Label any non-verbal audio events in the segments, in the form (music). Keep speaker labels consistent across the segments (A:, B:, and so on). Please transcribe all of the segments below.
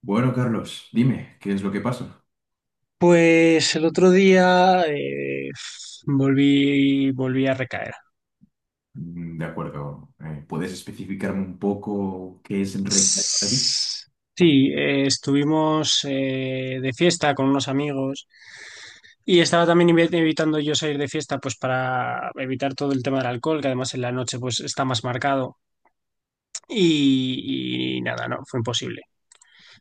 A: Bueno, Carlos, dime, ¿qué es lo que pasa?
B: Pues el otro día volví a recaer.
A: ¿Puedes especificarme un poco qué es recrear para ti?
B: Sí, estuvimos de fiesta con unos amigos y estaba también evitando yo salir de fiesta pues para evitar todo el tema del alcohol, que además en la noche pues está más marcado y nada, no, fue imposible.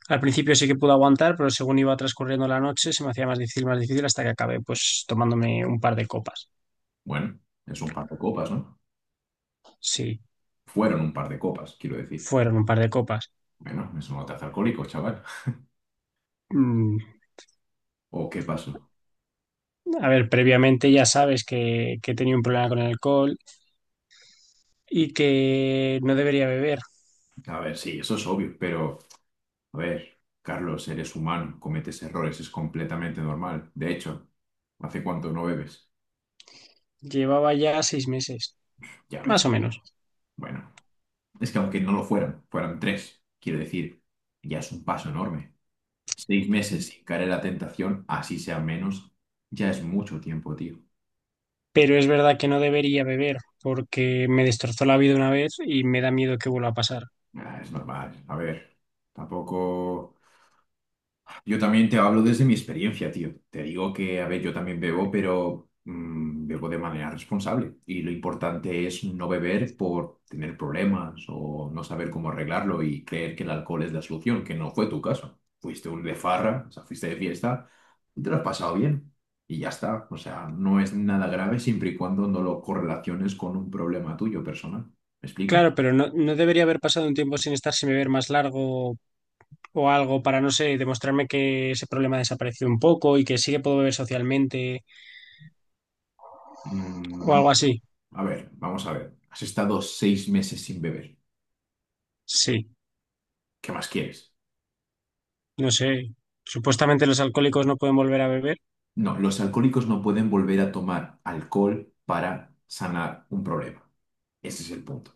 B: Al principio sí que pude aguantar, pero según iba transcurriendo la noche se me hacía más difícil hasta que acabé pues tomándome un par de copas.
A: Bueno, es un par de copas, ¿no?
B: Sí,
A: Fueron un par de copas, quiero decir.
B: fueron un par de copas.
A: Bueno, eso no te hace alcohólico, chaval.
B: Mm.
A: ¿O qué pasó?
B: A ver, previamente ya sabes que tenía un problema con el alcohol y que no debería beber.
A: A ver, sí, eso es obvio, pero, a ver, Carlos, eres humano, cometes errores, es completamente normal. De hecho, ¿hace cuánto no bebes?
B: Llevaba ya 6 meses,
A: Ya
B: más
A: ves.
B: o menos.
A: Bueno, es que aunque no lo fueran, fueran tres, quiero decir, ya es un paso enorme. 6 meses sin caer en la tentación, así sea menos, ya es mucho tiempo, tío.
B: Pero es verdad que no debería beber porque me destrozó la vida una vez y me da miedo que vuelva a pasar.
A: Ah, es normal. A ver, tampoco. Yo también te hablo desde mi experiencia, tío. Te digo que, a ver, yo también bebo, pero bebo de manera responsable. Y lo importante es no beber por tener problemas o no saber cómo arreglarlo y creer que el alcohol es la solución, que no fue tu caso. Fuiste un de farra, o sea, fuiste de fiesta y te lo has pasado bien. Y ya está. O sea, no es nada grave siempre y cuando no lo correlaciones con un problema tuyo personal. ¿Me explico?
B: Claro, pero no, no debería haber pasado un tiempo sin estar sin beber más largo o algo para, no sé, demostrarme que ese problema desapareció un poco y que sí que puedo beber socialmente
A: Mm,
B: o
A: vamos
B: algo así.
A: vamos a ver. Has estado 6 meses sin beber.
B: Sí,
A: ¿Qué más quieres?
B: no sé. Supuestamente los alcohólicos no pueden volver a beber.
A: No, los alcohólicos no pueden volver a tomar alcohol para sanar un problema. Ese es el punto.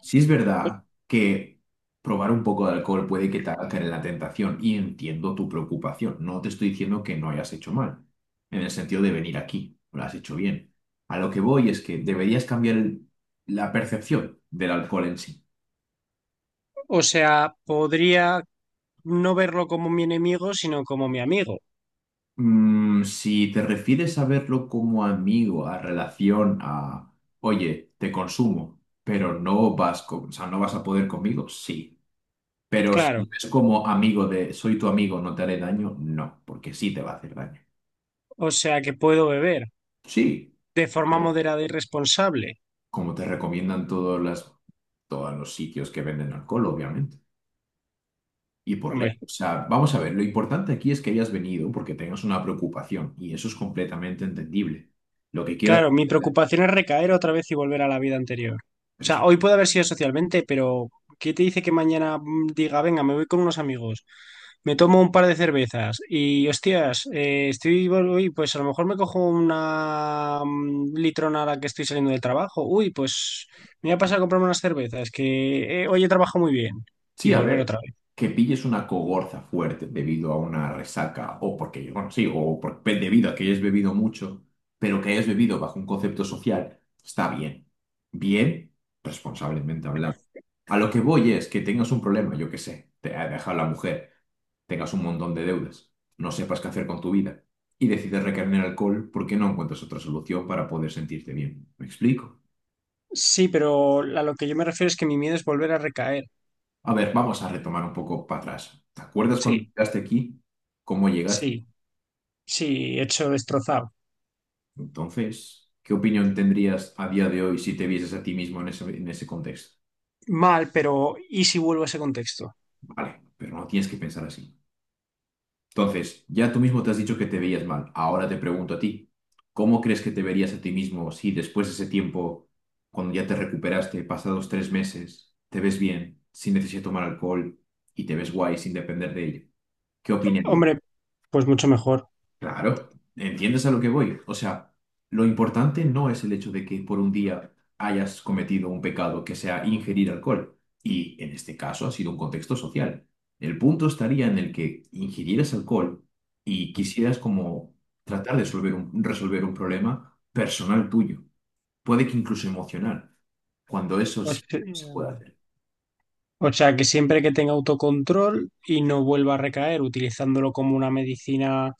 A: Sí es verdad que probar un poco de alcohol puede que te haga caer en la tentación y entiendo tu preocupación. No te estoy diciendo que no hayas hecho mal, en el sentido de venir aquí, lo has hecho bien. A lo que voy es que deberías cambiar la percepción del alcohol en sí.
B: O sea, podría no verlo como mi enemigo, sino como mi amigo.
A: Si te refieres a verlo como amigo, a relación, a, oye, te consumo, pero no vas o sea, no vas a poder conmigo, sí. Pero si
B: Claro,
A: es como amigo de, soy tu amigo, no te haré daño, no, porque sí te va a hacer daño.
B: o sea que puedo beber
A: Sí,
B: de forma
A: pero
B: moderada y responsable.
A: como te recomiendan todos los sitios que venden alcohol, obviamente. Y por ley.
B: Hombre,
A: O sea, vamos a ver, lo importante aquí es que hayas venido porque tengas una preocupación y eso es completamente entendible. Lo que quieras,
B: claro, mi preocupación es recaer otra vez y volver a la vida anterior. O
A: pero.
B: sea, hoy puede haber sido socialmente, pero ¿qué te dice que mañana diga, venga, me voy con unos amigos, me tomo un par de cervezas y, hostias, estoy, uy, pues a lo mejor me cojo una litrona a la que estoy saliendo del trabajo. Uy, pues me voy a pasar a comprarme unas cervezas, que hoy he trabajado muy bien y
A: Sí, a
B: volver
A: ver,
B: otra.
A: que pilles una cogorza fuerte debido a una resaca o porque, bueno, sí, debido a que hayas bebido mucho, pero que hayas bebido bajo un concepto social, está bien. Bien, responsablemente hablando. A lo que voy es que tengas un problema, yo qué sé, te ha dejado la mujer, tengas un montón de deudas, no sepas qué hacer con tu vida y decides recaer en el alcohol porque no encuentras otra solución para poder sentirte bien. ¿Me explico?
B: Sí, pero a lo que yo me refiero es que mi miedo es volver a recaer.
A: A ver, vamos a retomar un poco para atrás. ¿Te acuerdas cuando
B: Sí,
A: llegaste aquí? ¿Cómo llegaste?
B: sí, sí, hecho destrozado.
A: Entonces, ¿qué opinión tendrías a día de hoy si te vieses a ti mismo en en ese contexto?
B: Mal, pero ¿y si vuelvo a ese contexto?
A: Vale, pero no tienes que pensar así. Entonces, ya tú mismo te has dicho que te veías mal. Ahora te pregunto a ti, ¿cómo crees que te verías a ti mismo si después de ese tiempo, cuando ya te recuperaste, pasados 3 meses, te ves bien, sin necesidad de tomar alcohol y te ves guay sin depender de ello? ¿Qué opinarías?
B: Hombre, pues mucho mejor.
A: Claro, ¿entiendes a lo que voy? O sea, lo importante no es el hecho de que por un día hayas cometido un pecado que sea ingerir alcohol, y en este caso ha sido un contexto social. El punto estaría en el que ingirieras alcohol y quisieras como tratar de resolver un problema personal tuyo, puede que incluso emocional, cuando eso
B: O
A: sí
B: se-
A: se puede hacer.
B: o sea, que siempre que tenga autocontrol y no vuelva a recaer, utilizándolo como una medicina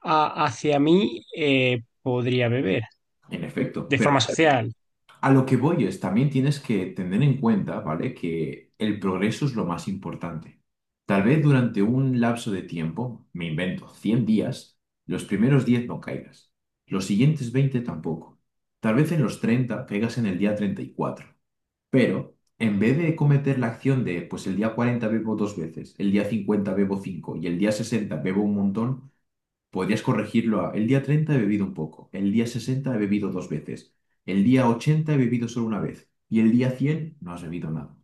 B: hacia mí, podría beber
A: En efecto,
B: de
A: pero.
B: forma social.
A: A lo que voy es, también tienes que tener en cuenta, ¿vale? Que el progreso es lo más importante. Tal vez durante un lapso de tiempo, me invento, 100 días, los primeros 10 no caigas, los siguientes 20 tampoco. Tal vez en los 30 caigas en el día 34. Pero en vez de cometer la acción de, pues el día 40 bebo dos veces, el día 50 bebo cinco y el día 60 bebo un montón, podrías corregirlo a, el día 30 he bebido un poco, el día 60 he bebido dos veces, el día 80 he bebido solo una vez y el día 100 no has bebido nada.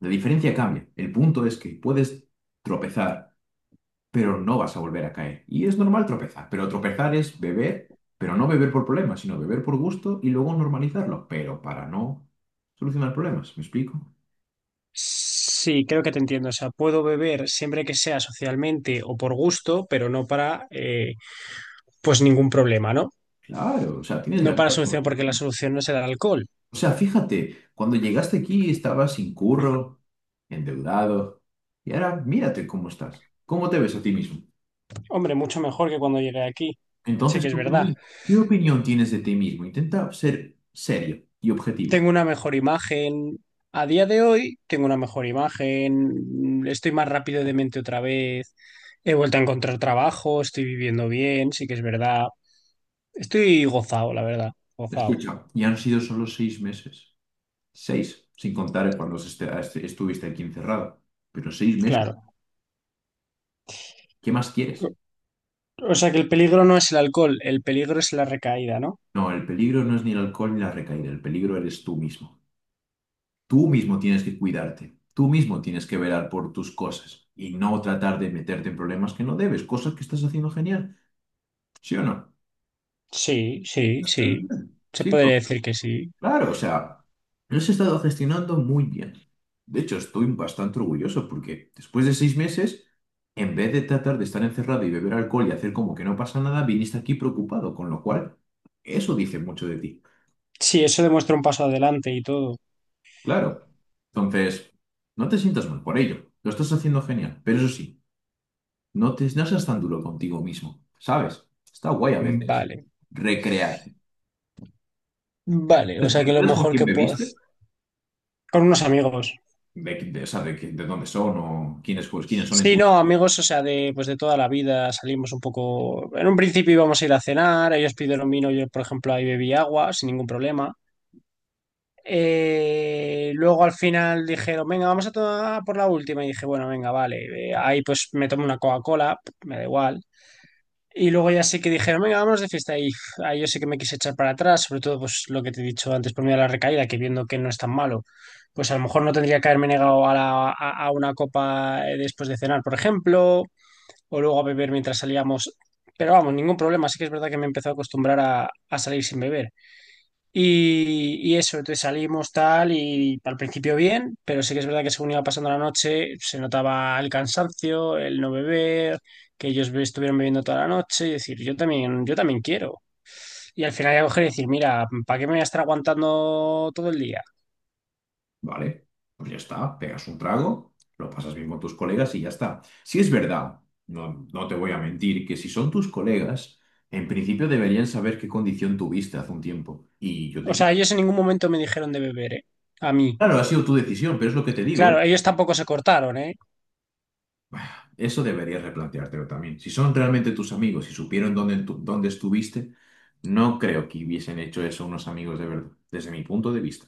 A: La diferencia cambia. El punto es que puedes tropezar, pero no vas a volver a caer. Y es normal tropezar, pero tropezar es beber, pero no beber por problemas, sino beber por gusto y luego normalizarlo, pero para no solucionar problemas. ¿Me explico?
B: Sí, creo que te entiendo. O sea, puedo beber siempre que sea socialmente o por gusto, pero no para, pues ningún problema, ¿no?
A: Claro, o sea, tienes la
B: No para
A: vida,
B: solución,
A: como.
B: porque la solución no es el alcohol.
A: O sea, fíjate, cuando llegaste aquí estabas sin curro, endeudado, y ahora mírate cómo estás, cómo te ves a ti mismo.
B: Hombre, mucho mejor que cuando llegué aquí. Sí
A: Entonces,
B: que es verdad.
A: ¿qué opinión tienes de ti mismo? Intenta ser serio y
B: Tengo
A: objetivo.
B: una mejor imagen. A día de hoy tengo una mejor imagen. Estoy más rápido de mente otra vez. He vuelto a encontrar trabajo. Estoy viviendo bien. Sí que es verdad. Estoy gozado, la verdad. Gozado.
A: Escucha, ya han sido solo 6 meses. 6, sin contar cuando estuviste aquí encerrado. Pero 6 meses,
B: Claro.
A: ¿qué más quieres?
B: O sea que el peligro no es el alcohol. El peligro es la recaída, ¿no?
A: No, el peligro no es ni el alcohol ni la recaída, el peligro eres tú mismo. Tú mismo tienes que cuidarte, tú mismo tienes que velar por tus cosas y no tratar de meterte en problemas que no debes, cosas que estás haciendo genial, ¿sí o no?
B: Sí, sí,
A: Está
B: sí.
A: bien,
B: Se podría
A: chico,
B: decir que sí.
A: claro, o sea, lo has estado gestionando muy bien. De hecho, estoy bastante orgulloso porque después de 6 meses, en vez de tratar de estar encerrado y beber alcohol y hacer como que no pasa nada, viniste aquí preocupado, con lo cual eso dice mucho de ti.
B: Sí, eso demuestra un paso adelante y todo.
A: Claro. Entonces, no te sientas mal por ello. Lo estás haciendo genial, pero eso sí. No seas tan duro contigo mismo, ¿sabes? Está guay a veces
B: Vale.
A: recrear.
B: Vale,
A: ¿Te
B: o sea que lo
A: acuerdas con
B: mejor
A: quién
B: que puedo hacer...
A: bebiste?
B: Con unos amigos.
A: De, o sea, de, qué- de dónde son o quiénes, pues, quiénes son en
B: Sí,
A: tu...
B: no, amigos, o sea, de pues de toda la vida salimos un poco. En un principio íbamos a ir a cenar, ellos pidieron vino, yo, por ejemplo, ahí bebí agua sin ningún problema. Luego al final dijeron, venga, vamos a tomar por la última. Y dije, bueno, venga, vale. Ahí pues me tomo una Coca-Cola, me da igual. Y luego ya sé que dijeron, venga, vámonos de fiesta. Y uf, ahí yo sé que me quise echar para atrás, sobre todo pues lo que te he dicho antes por mí a la recaída, que viendo que no es tan malo, pues a lo mejor no tendría que haberme negado a una copa después de cenar, por ejemplo, o luego a beber mientras salíamos. Pero vamos, ningún problema. Sí que es verdad que me empezó a acostumbrar a salir sin beber. Y eso, entonces salimos tal y al principio bien, pero sí que es verdad que según iba pasando la noche se notaba el cansancio, el no beber, que ellos estuvieron bebiendo toda la noche y decir, yo también quiero. Y al final ya coger y decir, mira, ¿para qué me voy a estar aguantando todo el día?
A: Vale, pues ya está, pegas un trago, lo pasas bien con tus colegas y ya está. Si es verdad, no te voy a mentir, que si son tus colegas, en principio deberían saber qué condición tuviste hace un tiempo. Y yo
B: O
A: te...
B: sea, ellos en ningún momento me dijeron de beber, ¿eh? A mí.
A: Claro, ha sido tu decisión, pero es lo que te digo.
B: Claro, ellos tampoco se cortaron, ¿eh?
A: Eso deberías replanteártelo también. Si son realmente tus amigos y supieron dónde estuviste, no creo que hubiesen hecho eso unos amigos de verdad, desde mi punto de vista.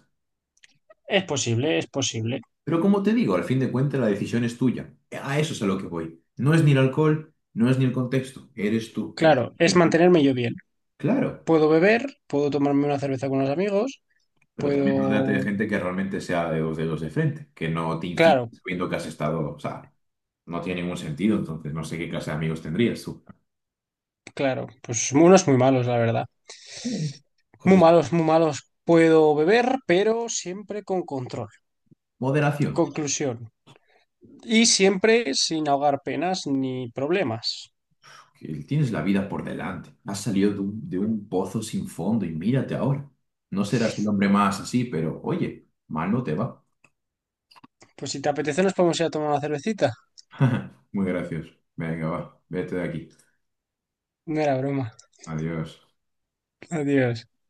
B: Es posible, es posible.
A: Pero como te digo, al fin de cuentas la decisión es tuya. A eso es a lo que voy. No es ni el alcohol, no es ni el contexto. Eres tú quien...
B: Claro, es mantenerme yo bien.
A: Claro,
B: Puedo beber, puedo tomarme una cerveza con los amigos,
A: pero también rodeate
B: puedo...
A: de gente que realmente sea de dos dedos de frente, que no te incite
B: Claro,
A: sabiendo que has estado... O sea, no tiene ningún sentido, entonces no sé qué clase de amigos tendrías tú.
B: claro, pues unos muy malos, la verdad. Muy
A: Cosas-
B: malos, muy malos. Puedo beber, pero siempre con control.
A: Moderación.
B: Conclusión. Y siempre sin ahogar penas ni problemas.
A: Que tienes la vida por delante. Has salido de un pozo sin fondo y mírate ahora. No serás el hombre más así, pero oye, mal no te va.
B: Pues si te apetece, nos podemos ir a tomar una cervecita.
A: (laughs) Muy gracioso. Venga, va, vete de aquí.
B: No era broma.
A: Adiós.
B: Adiós.